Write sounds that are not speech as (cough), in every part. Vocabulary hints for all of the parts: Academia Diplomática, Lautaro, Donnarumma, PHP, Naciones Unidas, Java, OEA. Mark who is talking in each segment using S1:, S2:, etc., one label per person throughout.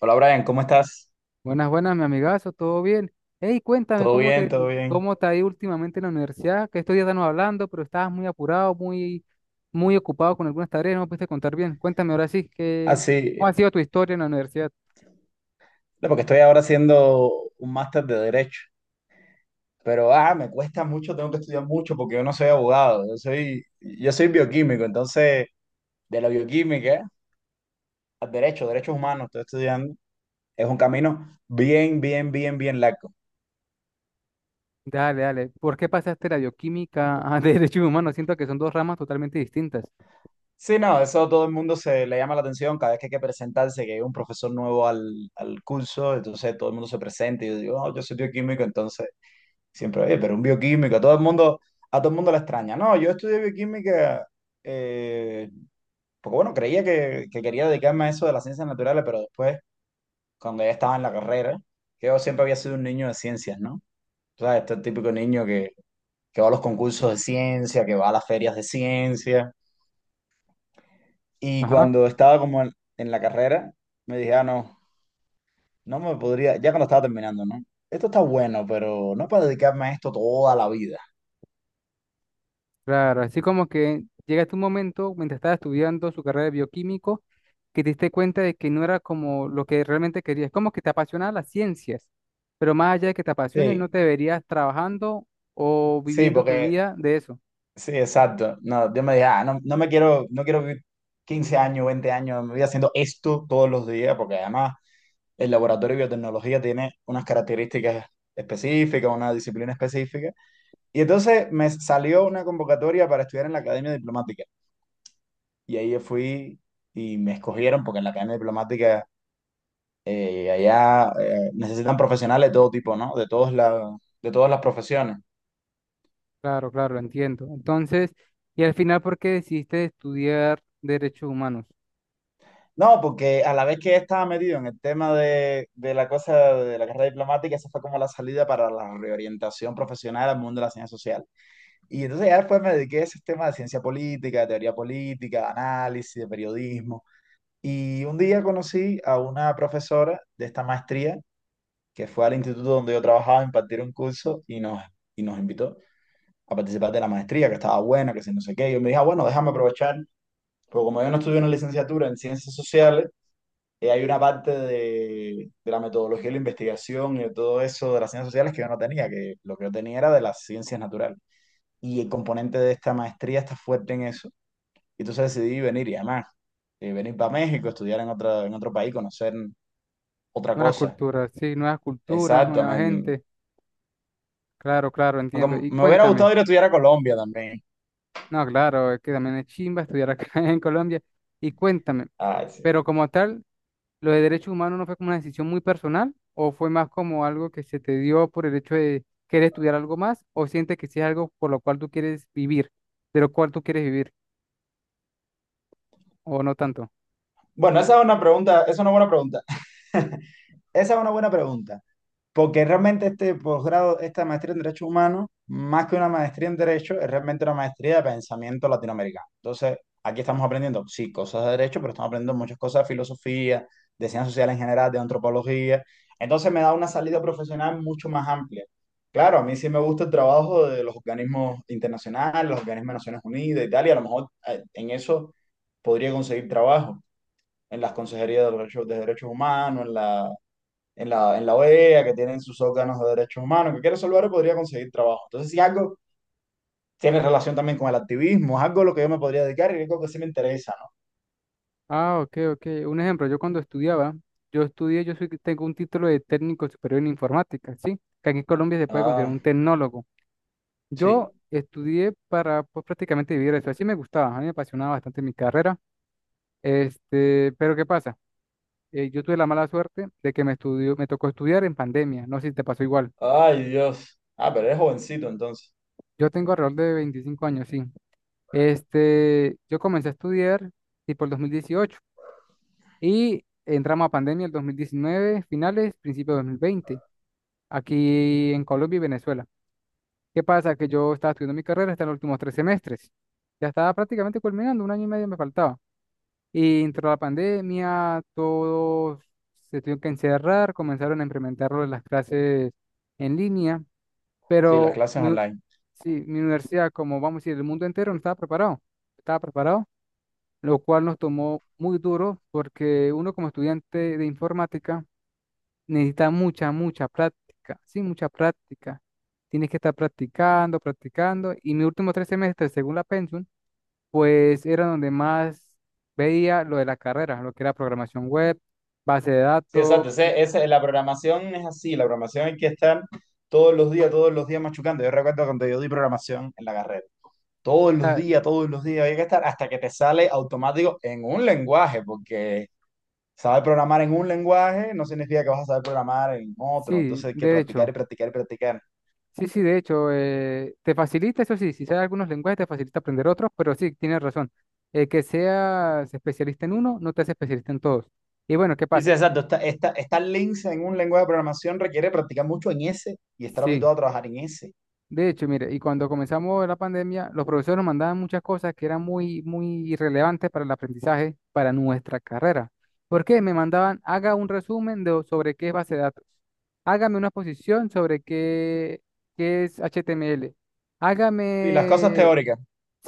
S1: Hola Brian, ¿cómo estás?
S2: Buenas, buenas, mi amigazo, ¿todo bien? Hey, cuéntame,
S1: Todo
S2: ¿cómo
S1: bien,
S2: te,
S1: todo bien.
S2: cómo te ha ido últimamente en la universidad? Que estos días estamos hablando, pero estabas muy apurado, muy ocupado con algunas tareas, no me pudiste contar bien. Cuéntame ahora sí,
S1: Ah,
S2: que, ¿cómo ha
S1: sí,
S2: sido tu historia en la universidad?
S1: no, porque estoy ahora haciendo un máster de Derecho, pero me cuesta mucho, tengo que estudiar mucho porque yo no soy abogado, yo soy bioquímico, entonces de la bioquímica al derecho, derechos humanos, estoy estudiando, es un camino bien largo.
S2: Dale, dale. ¿Por qué pasaste la bioquímica a (laughs) Derecho Humano? Siento que son dos ramas totalmente distintas.
S1: Sí, no, eso a todo el mundo se le llama la atención cada vez que hay que presentarse, que hay un profesor nuevo al curso, entonces todo el mundo se presenta y yo digo, "Oh, yo soy bioquímico, entonces... Siempre, oye, pero un bioquímico a todo el mundo, a todo el mundo la extraña. No, yo estudié bioquímica, eh, porque bueno, creía que quería dedicarme a eso de las ciencias naturales, pero después, cuando ya estaba en la carrera, que yo siempre había sido un niño de ciencias, ¿no? O sea, este típico niño que va a los concursos de ciencia, que va a las ferias de ciencia. Y cuando estaba como en la carrera, me dije, ah, no, no me podría, ya cuando estaba terminando, ¿no? Esto está bueno, pero no para dedicarme a esto toda la vida.
S2: Claro, así como que llega tu momento, mientras estaba estudiando su carrera de bioquímico, que te diste cuenta de que no era como lo que realmente querías, como que te apasionaban las ciencias, pero más allá de que te apasionen, no
S1: Sí,
S2: te verías trabajando o
S1: sí,
S2: viviendo tu
S1: porque
S2: vida de eso.
S1: sí, exacto. No, yo me dije, ah, no, no me quiero, no quiero vivir 15 años, 20 años, me voy haciendo esto todos los días, porque además el laboratorio de biotecnología tiene unas características específicas, una disciplina específica. Y entonces me salió una convocatoria para estudiar en la Academia Diplomática. Y ahí yo fui y me escogieron, porque en la Academia Diplomática allá necesitan profesionales de todo tipo, ¿no? De todas las profesiones.
S2: Claro, claro, entiendo. Entonces, y al final, ¿por qué decidiste estudiar derechos humanos?
S1: No, porque a la vez que estaba metido en el tema de la cosa de la carrera diplomática, esa fue como la salida para la reorientación profesional al mundo de la ciencia social. Y entonces ya después me dediqué a ese tema de ciencia política, de teoría política, de análisis, de periodismo. Y un día conocí a una profesora de esta maestría que fue al instituto donde yo trabajaba a impartir un curso y nos invitó a participar de la maestría, que estaba buena, que si no sé qué. Y yo me dije, "Ah, bueno, déjame aprovechar, porque como yo no estudié una licenciatura en ciencias sociales, hay una parte de la metodología de la investigación y de todo eso de las ciencias sociales que yo no tenía, que lo que yo tenía era de las ciencias naturales. Y el componente de esta maestría está fuerte en eso. Y entonces decidí venir y además, venir para México, en otro país, conocer otra
S2: Nuevas
S1: cosa.
S2: culturas, sí, nuevas culturas,
S1: Exacto,
S2: nueva
S1: me,
S2: gente. Claro, claro, entiendo.
S1: aunque
S2: Y
S1: me hubiera
S2: cuéntame.
S1: gustado ir a estudiar a Colombia también.
S2: No, claro, es que también es chimba estudiar acá (laughs) en Colombia. Y cuéntame,
S1: Ay,
S2: pero
S1: sí.
S2: como tal, ¿lo de derechos humanos no fue como una decisión muy personal o fue más como algo que se te dio por el hecho de querer estudiar algo más o sientes que sí es algo por lo cual tú quieres vivir, de lo cual tú quieres vivir o no tanto?
S1: Bueno, esa es una pregunta, esa es una buena pregunta. (laughs) Esa es una buena pregunta. Porque realmente este posgrado, esta maestría en Derechos Humanos, más que una maestría en Derecho, es realmente una maestría de pensamiento latinoamericano. Entonces, aquí estamos aprendiendo, sí, cosas de Derecho, pero estamos aprendiendo muchas cosas de filosofía, de ciencias sociales en general, de antropología. Entonces, me da una salida profesional mucho más amplia. Claro, a mí sí me gusta el trabajo de los organismos internacionales, los organismos de Naciones Unidas y tal, y a lo mejor en eso podría conseguir trabajo, en las consejerías de derechos humanos, en la OEA, que tienen sus órganos de derechos humanos, que quiere salvar y podría conseguir trabajo. Entonces, si algo tiene relación también con el activismo, es algo a lo que yo me podría dedicar y algo que sí me interesa, ¿no?
S2: Ah, ok, ok. Un ejemplo, yo cuando estudiaba, yo estudié, yo soy, tengo un título de técnico superior en informática, ¿sí? Que aquí en Colombia se puede considerar
S1: Ah,
S2: un tecnólogo. Yo
S1: sí.
S2: estudié para pues, prácticamente vivir eso. Así me gustaba, a mí me apasionaba bastante mi carrera. Este, pero ¿qué pasa? Yo tuve la mala suerte de que me estudió, me tocó estudiar en pandemia. No sé si te pasó igual.
S1: Ay, Dios. Ah, pero eres jovencito entonces.
S2: Yo tengo alrededor de 25 años, sí. Este, yo comencé a estudiar tipo el 2018 y entramos a pandemia el 2019 finales, principio de 2020
S1: Sí,
S2: aquí en Colombia y Venezuela. ¿Qué pasa? Que yo estaba estudiando mi carrera hasta los últimos 3 semestres. Ya estaba prácticamente culminando, un año y medio me faltaba. Y entró la pandemia, todos se tuvieron que encerrar, comenzaron a implementar lo de las clases en línea,
S1: sí, las
S2: pero
S1: clases online.
S2: sí, mi universidad, como vamos a decir, el mundo entero no estaba preparado, estaba preparado, lo cual nos tomó muy duro porque uno como estudiante de informática necesita mucha, mucha práctica, sí, mucha práctica. Tienes que estar practicando, practicando, y mis últimos 3 semestres, según la Pensum, pues era donde más veía lo de la carrera, lo que era programación web, base de
S1: Sí,
S2: datos.
S1: exacto. La programación es así, la programación hay que estar todos los días machucando. Yo recuerdo cuando yo di programación en la carrera.
S2: Ah,
S1: Todos los días, hay que estar hasta que te sale automático en un lenguaje, porque saber programar en un lenguaje no significa que vas a saber programar en otro.
S2: sí,
S1: Entonces hay que
S2: de
S1: practicar y
S2: hecho,
S1: practicar y practicar.
S2: sí, sí, de hecho, te facilita, eso sí, si sabes algunos lenguajes, te facilita aprender otros, pero sí, tienes razón. El que seas especialista en uno, no te hace especialista en todos. Y bueno, ¿qué pasa?
S1: Dice, exacto, estar lince en un lenguaje de programación requiere practicar mucho en ese y estar
S2: Sí.
S1: habituado a trabajar en ese.
S2: De hecho, mire, y cuando comenzamos la pandemia, los profesores nos mandaban muchas cosas que eran muy, muy irrelevantes para el aprendizaje, para nuestra carrera. ¿Por qué? Me mandaban, haga un resumen sobre qué es base de datos. Hágame una exposición sobre qué es HTML.
S1: Y las cosas
S2: Hágame
S1: teóricas.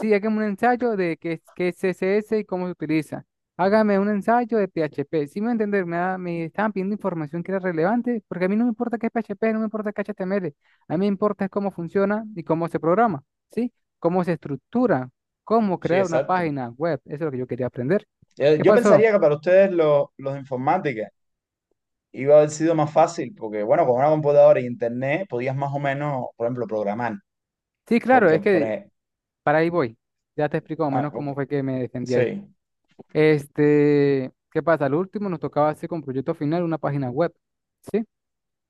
S2: Sí, hágame un ensayo de qué es CSS y cómo se utiliza. Hágame un ensayo de PHP. Si me entender, me estaban pidiendo información que era relevante, porque a mí no me importa qué es PHP, no me importa qué es HTML. A mí me importa es cómo funciona y cómo se programa, ¿sí? Cómo se estructura, cómo
S1: Sí,
S2: crear una
S1: exacto.
S2: página web. Eso es lo que yo quería aprender. ¿Qué
S1: Yo
S2: pasó?
S1: pensaría que para ustedes los de informática iba a haber sido más fácil porque, bueno, con una computadora y internet podías más o menos, por ejemplo, programar.
S2: Sí, claro, es
S1: Porque, por
S2: que
S1: ejemplo,
S2: para ahí voy. Ya te explico más o menos cómo fue que me defendí ahí.
S1: sí.
S2: Este, ¿qué pasa? Lo último nos tocaba hacer con proyecto final una página web. ¿Sí?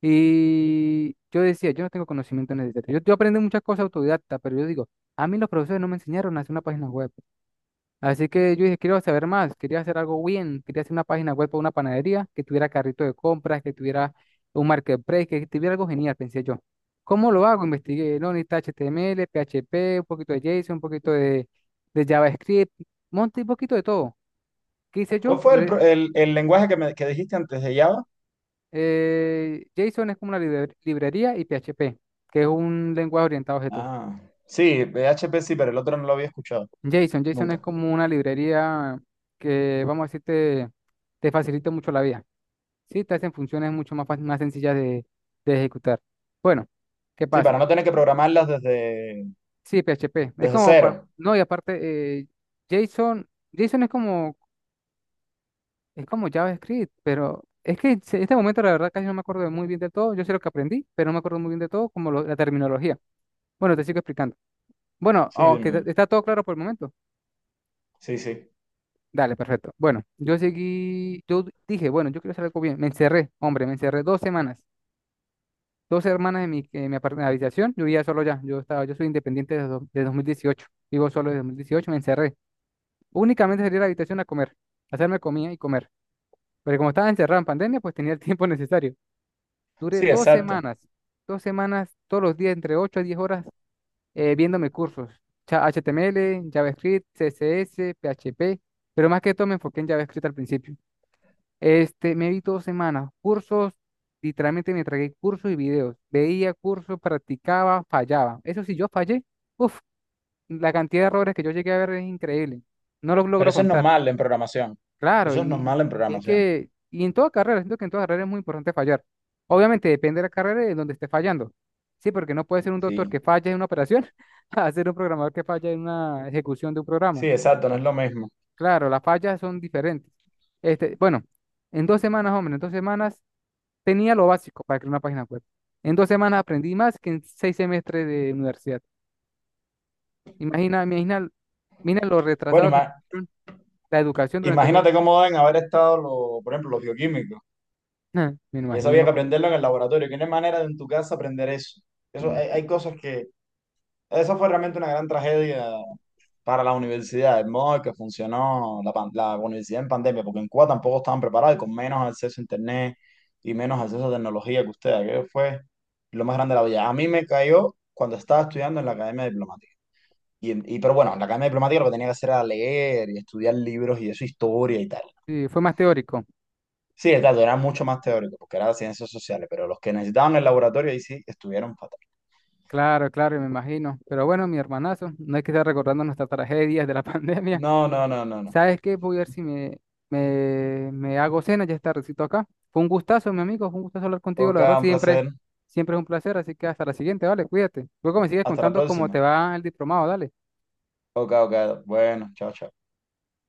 S2: Y yo decía, yo no tengo conocimiento necesario. Yo aprendí muchas cosas autodidacta, pero yo digo, a mí los profesores no me enseñaron a hacer una página web. Así que yo dije, quiero saber más, quería hacer algo bien, quería hacer una página web para una panadería, que tuviera carrito de compras, que tuviera un marketplace, que tuviera algo genial, pensé yo. ¿Cómo lo hago? Investigué, no, necesita HTML, PHP, un poquito de JSON, un poquito de JavaScript, monté un poquito de todo. ¿Qué hice
S1: ¿Cuál
S2: yo?
S1: fue el lenguaje que dijiste antes de Java?
S2: JSON es como una librería y PHP, que es un lenguaje orientado a objetos.
S1: Ah, sí, PHP sí, pero el otro no lo había escuchado,
S2: JSON es
S1: nunca.
S2: como una librería que, vamos a decir, te facilita mucho la vida. Sí, te hacen funciones mucho más, más sencillas de ejecutar. Bueno, ¿qué
S1: Sí,
S2: pasa?
S1: para no tener que programarlas desde,
S2: Sí, PHP. Es
S1: desde
S2: como,
S1: cero.
S2: no, y aparte, JSON es como, JavaScript, pero es que en este momento la verdad casi no me acuerdo de muy bien de todo. Yo sé lo que aprendí, pero no me acuerdo muy bien de todo, como la terminología. Bueno, te sigo explicando. Bueno,
S1: Sí,
S2: aunque está
S1: dime.
S2: está todo claro por el momento.
S1: Sí, sí.
S2: Dale, perfecto. Bueno, yo seguí, yo dije, bueno, yo quiero hacer algo bien. Me encerré, hombre, me encerré 2 semanas. 2 semanas en la habitación. Yo vivía solo ya. Yo soy independiente desde 2018. Vivo solo desde 2018, me encerré. Únicamente salí a la habitación a comer, a hacerme comida y comer. Pero como estaba encerrado en pandemia, pues tenía el (laughs) tiempo necesario. Duré
S1: Sí,
S2: dos
S1: exacto.
S2: semanas, 2 semanas, todos los días, entre 8 a 10 horas viéndome cursos, HTML, JavaScript, CSS, PHP, pero más que todo me enfoqué en JavaScript al principio. Este, me vi 2 semanas, cursos, literalmente me tragué cursos y videos, veía cursos, practicaba, fallaba. Eso sí, yo fallé, uff, la cantidad de errores que yo llegué a ver es increíble, no los
S1: Pero
S2: logro
S1: eso es
S2: contar.
S1: normal en programación.
S2: Claro,
S1: Eso es
S2: y
S1: normal en
S2: es
S1: programación.
S2: que, y en toda carrera, siento que en toda carrera es muy importante fallar. Obviamente depende de la carrera y de donde esté fallando. Sí, porque no puede ser un doctor que
S1: Sí.
S2: falle en una operación (laughs) a ser un programador que falle en una ejecución de un programa.
S1: Sí, exacto, no es lo mismo.
S2: Claro, las fallas son diferentes. Este, bueno, en 2 semanas, hombre, en 2 semanas tenía lo básico para crear una página web. En 2 semanas aprendí más que en 6 semestres de universidad. Imagina, imagina, mira lo
S1: Bueno,
S2: retrasado que
S1: ima-
S2: estuvieron la educación durante esos,
S1: Imagínate cómo deben haber estado, los, por ejemplo, los bioquímicos.
S2: (laughs) me
S1: Y eso había
S2: imagino,
S1: que aprenderlo en el laboratorio. ¿Que no hay manera de en tu casa aprender eso? Eso,
S2: mm,
S1: hay cosas que... Eso fue realmente una gran tragedia para las universidades, el modo en que funcionó la universidad en pandemia, porque en Cuba tampoco estaban preparados y con menos acceso a internet y menos acceso a tecnología que ustedes. Aquello fue lo más grande de la vida. A mí me cayó cuando estaba estudiando en la Academia Diplomática. Pero bueno, en la Academia Diplomática lo que tenía que hacer era leer y estudiar libros y eso, historia y tal.
S2: sí, fue más teórico.
S1: Sí, exacto, era mucho más teórico, porque era ciencias sociales, pero los que necesitaban el laboratorio ahí sí estuvieron fatal.
S2: Claro, claro, me imagino. Pero bueno, mi hermanazo, no hay que estar recordando nuestras tragedias de la (laughs) pandemia.
S1: No, no, no, no, no.
S2: ¿Sabes qué? Voy a ver si me, me hago cena, ya está recito acá. Fue un gustazo, mi amigo, fue un gustazo hablar contigo, la
S1: Ok,
S2: verdad,
S1: un
S2: siempre,
S1: placer.
S2: siempre es un placer, así que hasta la siguiente, vale, cuídate. Luego me sigues
S1: Hasta la
S2: contando cómo
S1: próxima.
S2: te va el diplomado, dale.
S1: Ok, ok. Bueno, chao, chao.